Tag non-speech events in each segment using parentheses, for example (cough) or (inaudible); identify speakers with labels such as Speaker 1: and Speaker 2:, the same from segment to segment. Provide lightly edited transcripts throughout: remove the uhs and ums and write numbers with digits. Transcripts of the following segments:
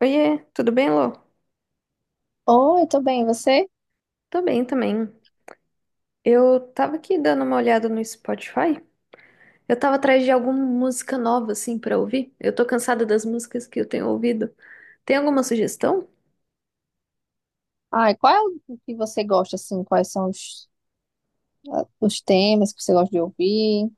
Speaker 1: Oiê, tudo bem, Lô?
Speaker 2: Oi, tudo bem, e você?
Speaker 1: Tô bem também. Eu tava aqui dando uma olhada no Spotify. Eu tava atrás de alguma música nova, assim, pra ouvir. Eu tô cansada das músicas que eu tenho ouvido. Tem alguma sugestão?
Speaker 2: Ai, qual é o que você gosta, assim? Quais são os temas que você gosta de ouvir,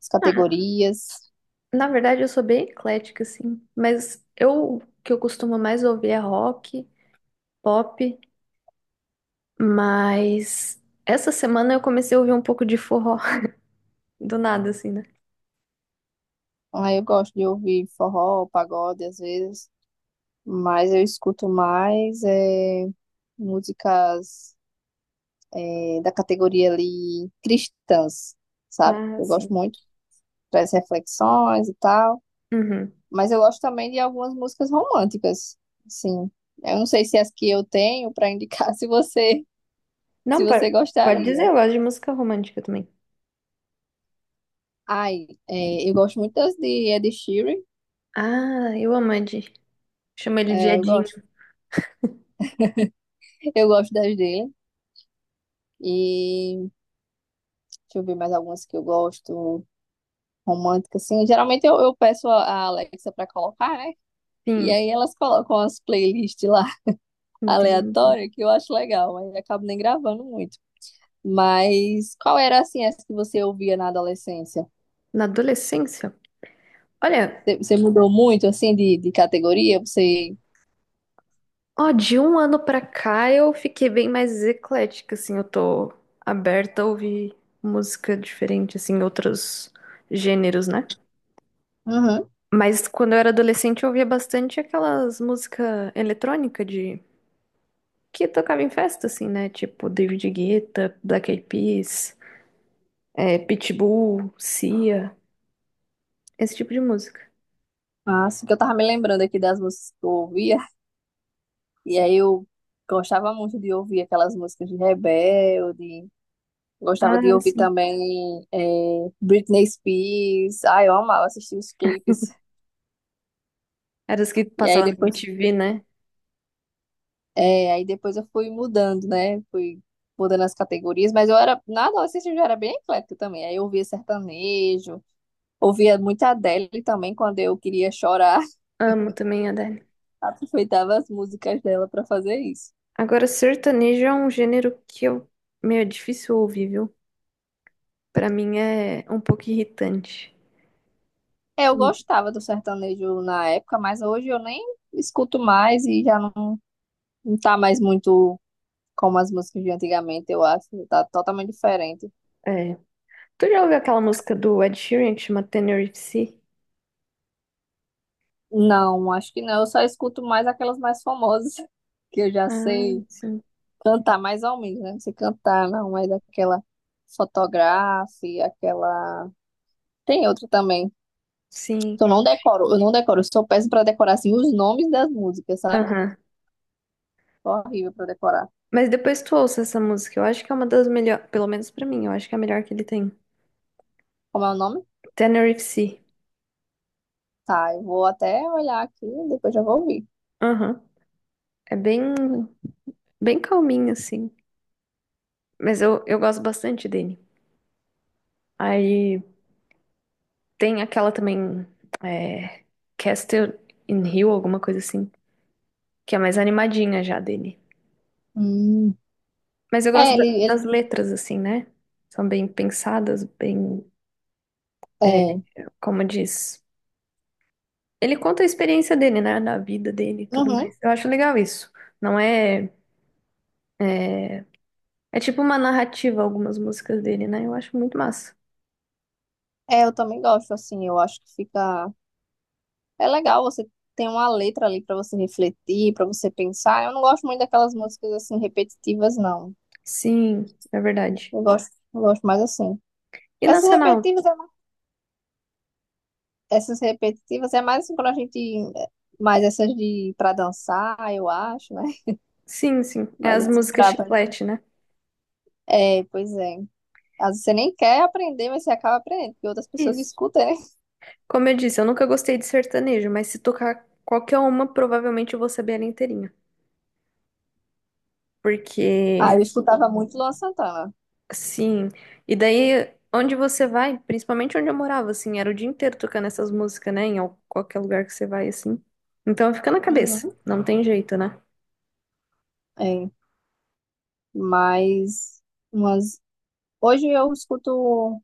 Speaker 2: as categorias?
Speaker 1: Na verdade, eu sou bem eclética, assim. Mas eu, o que eu costumo mais ouvir é rock, pop. Mas essa semana eu comecei a ouvir um pouco de forró. (laughs) Do nada, assim, né?
Speaker 2: Ai, eu gosto de ouvir forró, pagode, às vezes, mas eu escuto mais músicas da categoria ali cristãs, sabe?
Speaker 1: Ah,
Speaker 2: Eu gosto
Speaker 1: sim.
Speaker 2: muito das reflexões e tal,
Speaker 1: Uhum.
Speaker 2: mas eu gosto também de algumas músicas românticas, assim. Eu não sei se as que eu tenho para indicar, (laughs) se você se
Speaker 1: Não, pode,
Speaker 2: você
Speaker 1: pode
Speaker 2: gostaria.
Speaker 1: dizer, eu gosto de música romântica também.
Speaker 2: Ai, é, eu gosto muito das de Ed Sheeran.
Speaker 1: Ah, eu amo Ed. Chama ele de
Speaker 2: É, eu gosto.
Speaker 1: Edinho.
Speaker 2: Eu gosto das dele. E deixa eu ver mais algumas que eu gosto. Romântica, assim. Geralmente eu peço a Alexa pra colocar, né? E
Speaker 1: Sim,
Speaker 2: aí elas colocam as playlists lá (laughs)
Speaker 1: entendo.
Speaker 2: aleatórias que eu acho legal. Aí eu acabo nem gravando muito. Mas qual era, assim, essa que você ouvia na adolescência?
Speaker 1: Na adolescência? Olha,
Speaker 2: Você mudou muito, assim, de categoria? Você.
Speaker 1: ó, de um ano pra cá eu fiquei bem mais eclética, assim, eu tô aberta a ouvir música diferente, assim, outros gêneros, né?
Speaker 2: Uhum.
Speaker 1: Mas quando eu era adolescente eu ouvia bastante aquelas músicas eletrônicas de, que tocava em festa, assim, né? Tipo David Guetta, Black Eyed Peas, Pitbull, Sia, esse tipo de música.
Speaker 2: Ah, assim que eu tava me lembrando aqui das músicas que eu ouvia. E aí eu gostava muito de ouvir aquelas músicas de Rebelde, gostava de
Speaker 1: Ah,
Speaker 2: ouvir
Speaker 1: sim.
Speaker 2: também Britney Spears. Ai, eu amava assistir os clipes.
Speaker 1: Era as que
Speaker 2: E aí
Speaker 1: passavam na
Speaker 2: depois,
Speaker 1: MTV, né?
Speaker 2: aí depois eu fui mudando, né? Fui mudando as categorias, mas eu era, na adolescência eu já era bem eclética também. Aí eu ouvia sertanejo, ouvia muita Adele também quando eu queria chorar, (laughs)
Speaker 1: Amo também a Adele.
Speaker 2: aproveitava as músicas dela para fazer isso.
Speaker 1: Agora, sertanejo é um gênero que eu meio difícil ouvir, viu? Pra mim é um pouco irritante.
Speaker 2: É, eu
Speaker 1: Hum.
Speaker 2: gostava do sertanejo na época, mas hoje eu nem escuto mais e já não. Não tá mais muito como as músicas de antigamente, eu acho. Tá totalmente diferente.
Speaker 1: É. Tu já ouviu aquela música do Ed Sheeran que chama Tenerife? Sea?
Speaker 2: Não, acho que não. Eu só escuto mais aquelas mais famosas, (laughs) que eu já
Speaker 1: Ah,
Speaker 2: sei
Speaker 1: sim.
Speaker 2: cantar mais ou menos, né? Não sei cantar, não, mas aquela fotografe, aquela. Tem outra também.
Speaker 1: Sim.
Speaker 2: Eu não decoro. Eu sou péssima pra decorar, assim, os nomes das músicas, sabe?
Speaker 1: Aham.
Speaker 2: Tô horrível pra decorar.
Speaker 1: Mas depois tu ouça essa música. Eu acho que é uma das melhores, pelo menos pra mim, eu acho que é a melhor que ele tem.
Speaker 2: Como é o nome?
Speaker 1: Tenerife Sea.
Speaker 2: Tá, eu vou até olhar aqui, depois já vou ouvir.
Speaker 1: Aham. É bem, bem calminho, assim. Mas eu gosto bastante dele. Aí, tem aquela também, é, Castle in Hill, alguma coisa assim, que é mais animadinha já dele.
Speaker 2: Hum.
Speaker 1: Mas eu gosto
Speaker 2: É,
Speaker 1: da-
Speaker 2: ele,
Speaker 1: das
Speaker 2: ele,
Speaker 1: letras, assim, né? São bem pensadas, bem, é,
Speaker 2: é.
Speaker 1: como diz. Ele conta a experiência dele, né? Da vida dele e tudo
Speaker 2: Uhum.
Speaker 1: mais. Eu acho legal isso. Não é. É tipo uma narrativa, algumas músicas dele, né? Eu acho muito massa.
Speaker 2: É, eu também gosto, assim, eu acho que fica. É legal, você tem uma letra ali pra você refletir, pra você pensar. Eu não gosto muito daquelas músicas, assim, repetitivas, não.
Speaker 1: Sim, é verdade.
Speaker 2: Eu gosto mais assim.
Speaker 1: E
Speaker 2: Essas
Speaker 1: nacional?
Speaker 2: repetitivas, é mais... essas repetitivas é mais assim, quando a gente. é, Mais essas de pra dançar, eu acho, né? (laughs)
Speaker 1: Sim, sim. É
Speaker 2: Mas
Speaker 1: as
Speaker 2: assim,
Speaker 1: músicas chiclete, né?
Speaker 2: É, pois é. Às vezes você nem quer aprender, mas você acaba aprendendo, porque outras pessoas
Speaker 1: Isso.
Speaker 2: escutam, né?
Speaker 1: Como eu disse, eu nunca gostei de sertanejo, mas se tocar qualquer uma, provavelmente eu vou saber ela inteirinha.
Speaker 2: Ah,
Speaker 1: Porque,
Speaker 2: eu escutava muito Luan Santana.
Speaker 1: assim, e daí onde você vai, principalmente onde eu morava, assim, era o dia inteiro tocando essas músicas, né? Em qualquer lugar que você vai, assim. Então fica na cabeça,
Speaker 2: Uhum.
Speaker 1: não tem jeito, né?
Speaker 2: É, mas. Umas. Hoje eu escuto, o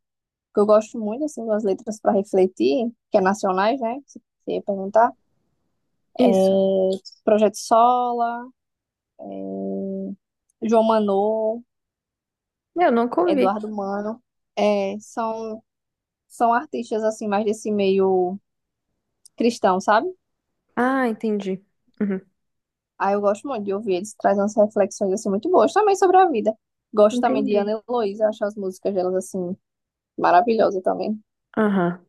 Speaker 2: que eu gosto muito, assim, das letras para refletir, que é nacionais, né? Se você perguntar.
Speaker 1: Isso.
Speaker 2: É Projeto Sola, é João Manô,
Speaker 1: Eu nunca ouvi.
Speaker 2: Eduardo Mano. É, são artistas, assim, mais desse meio cristão, sabe?
Speaker 1: Ah, entendi. Uhum.
Speaker 2: Aí eu gosto muito de ouvir eles, trazem umas reflexões, assim, muito boas também sobre a vida. Gosto também de
Speaker 1: Entendi.
Speaker 2: Ana Heloísa, acho as músicas delas, assim, maravilhosas também.
Speaker 1: Aham.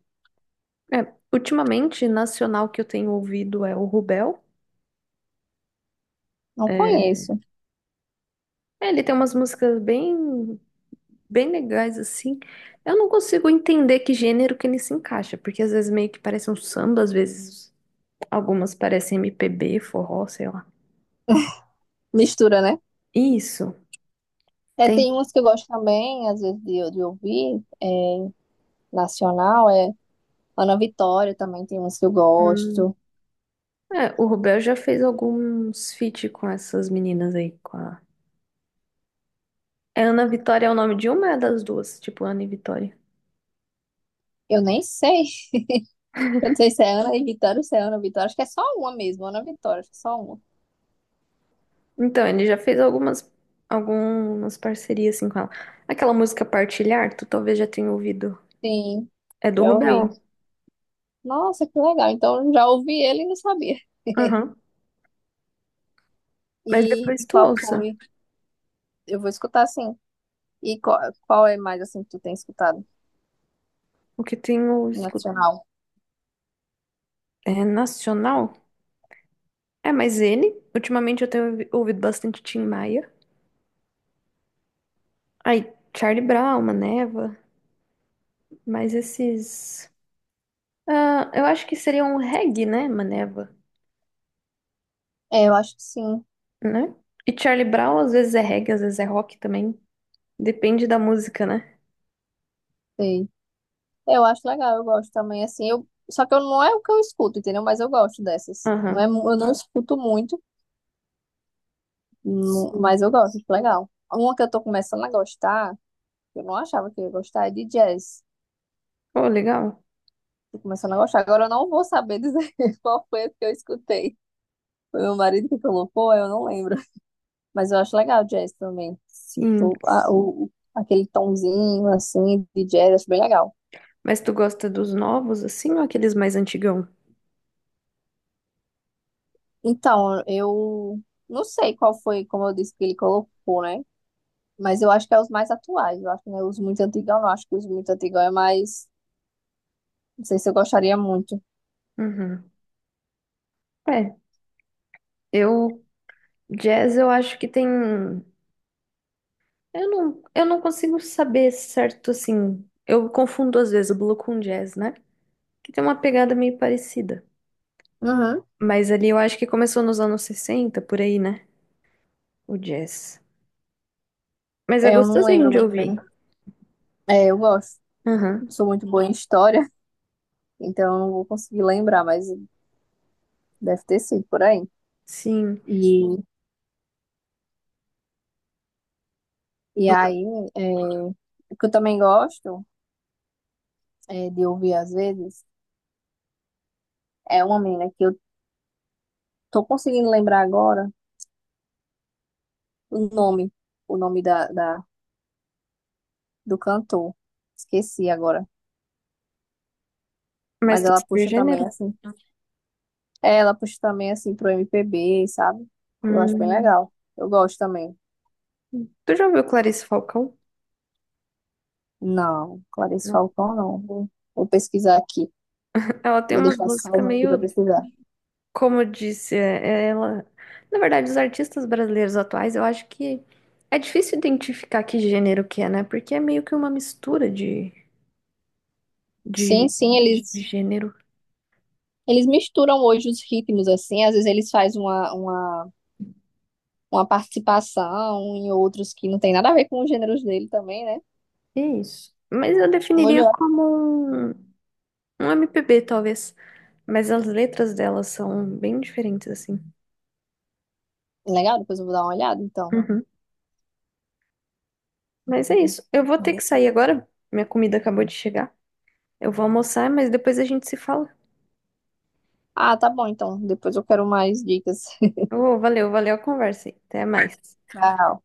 Speaker 1: É, ultimamente, nacional que eu tenho ouvido é o Rubel.
Speaker 2: Não
Speaker 1: É,
Speaker 2: conheço.
Speaker 1: ele tem umas músicas bem bem legais, assim. Eu não consigo entender que gênero que ele se encaixa, porque às vezes meio que parece um samba, às vezes algumas parecem MPB, forró, sei lá.
Speaker 2: Mistura, né?
Speaker 1: Isso.
Speaker 2: É,
Speaker 1: Tem.
Speaker 2: tem umas que eu gosto também, às vezes, de ouvir, é, nacional, é Ana Vitória também tem umas que eu
Speaker 1: hum,
Speaker 2: gosto.
Speaker 1: o Rubel já fez alguns feat com essas meninas aí, com a. Ana Vitória é o nome de uma, das duas, tipo Ana e Vitória.
Speaker 2: Eu nem sei, (laughs) eu não sei se é Ana e Vitória ou se é Ana Vitória, acho que é só uma mesmo, Ana Vitória, acho que é só uma.
Speaker 1: Então, ele já fez algumas parcerias assim com ela. Aquela música Partilhar, tu talvez já tenha ouvido.
Speaker 2: Sim,
Speaker 1: É do
Speaker 2: já
Speaker 1: Rubel.
Speaker 2: ouvi. Nossa, que legal, então eu já ouvi ele e não sabia.
Speaker 1: Aham. Mas
Speaker 2: E
Speaker 1: depois tu
Speaker 2: qual
Speaker 1: ouça.
Speaker 2: foi? Eu vou escutar sim. E qual é mais, assim, que tu tem escutado,
Speaker 1: O que tenho.
Speaker 2: nacional?
Speaker 1: É nacional? É, mas ele, ultimamente eu tenho ouvido bastante Tim Maia. Aí, Charlie Brown, Maneva, mas esses. Ah, eu acho que seria um reggae, né, Maneva,
Speaker 2: É, eu acho que sim,
Speaker 1: né? E Charlie Brown às vezes é reggae, às vezes é rock também. Depende da música, né?
Speaker 2: sei. Eu acho legal, eu gosto também, assim, eu... Só que eu, não é o que eu escuto, entendeu? Mas eu gosto dessas. Não é,
Speaker 1: Aham.
Speaker 2: mu- eu não escuto muito, mu-
Speaker 1: Sim.
Speaker 2: mas eu gosto, acho legal. Uma que eu tô começando a gostar, que eu não achava que eu ia gostar, é de jazz.
Speaker 1: Oh, legal.
Speaker 2: Tô começando a gostar. Agora eu não vou saber dizer (laughs) qual foi a que eu escutei. Foi meu marido que colocou, eu não lembro. Mas eu acho legal jazz também.
Speaker 1: Sim.
Speaker 2: Tô, a- o, aquele tomzinho, assim, de jazz, acho bem legal.
Speaker 1: Mas tu gosta dos novos, assim, ou aqueles mais antigão?
Speaker 2: Então, eu não sei qual foi, como eu disse, que ele colocou, né? Mas eu acho que é os mais atuais. Eu acho que não é os muito antigos, não. acho que os muito antigos é mais. Não sei se eu gostaria muito.
Speaker 1: Uhum. É, eu. Jazz eu acho que tem. Eu não consigo saber certo, assim. Eu confundo às vezes o Blue com jazz, né? Que tem uma pegada meio parecida.
Speaker 2: Uhum.
Speaker 1: Mas ali eu acho que começou nos anos 60 por aí, né? O jazz. Mas é
Speaker 2: É, eu não
Speaker 1: gostosinho
Speaker 2: lembro
Speaker 1: de
Speaker 2: muito bem.
Speaker 1: ouvir.
Speaker 2: É, eu gosto.
Speaker 1: Aham,
Speaker 2: Não sou muito boa em história, (laughs) então eu não vou conseguir lembrar, mas deve ter sido por aí.
Speaker 1: sim.
Speaker 2: E, e aí, é, o que eu também gosto de ouvir às vezes é uma menina que eu tô conseguindo lembrar agora o nome, o nome do cantor. Esqueci agora.
Speaker 1: Mas
Speaker 2: Mas
Speaker 1: tu
Speaker 2: ela
Speaker 1: sabe o
Speaker 2: puxa também,
Speaker 1: gênero?
Speaker 2: assim. É, ela puxa também, assim, pro MPB, sabe? Eu acho bem
Speaker 1: Hum.
Speaker 2: legal. Eu gosto também.
Speaker 1: Tu já ouviu Clarice Falcão?
Speaker 2: Não, Clarice
Speaker 1: Não.
Speaker 2: Falcão não. Vou, vou pesquisar aqui.
Speaker 1: Ela tem
Speaker 2: Vou
Speaker 1: umas
Speaker 2: deixar
Speaker 1: músicas
Speaker 2: salvo aqui pra
Speaker 1: meio,
Speaker 2: pesquisar.
Speaker 1: como eu disse, é ela. Na verdade, os artistas brasileiros atuais, eu acho que é difícil identificar que gênero que é, né? Porque é meio que uma mistura
Speaker 2: Sim,
Speaker 1: de
Speaker 2: sim,
Speaker 1: de
Speaker 2: eles,
Speaker 1: gênero.
Speaker 2: eles misturam hoje os ritmos, assim. Às vezes eles fazem uma participação em outros que não tem nada a ver com os gêneros dele também, né?
Speaker 1: É isso. Mas eu
Speaker 2: Um Hoje
Speaker 1: definiria
Speaker 2: eu...
Speaker 1: como um MPB, talvez. Mas as letras delas são bem diferentes, assim.
Speaker 2: Legal, depois eu vou dar uma olhada, então.
Speaker 1: Uhum. Mas é isso. Eu vou ter que sair agora. Minha comida acabou de chegar. Eu vou almoçar, mas depois a gente se fala.
Speaker 2: Ah, tá bom, então. Depois eu quero mais dicas.
Speaker 1: Ô, valeu, valeu a conversa aí. Até mais.
Speaker 2: (laughs) Tchau.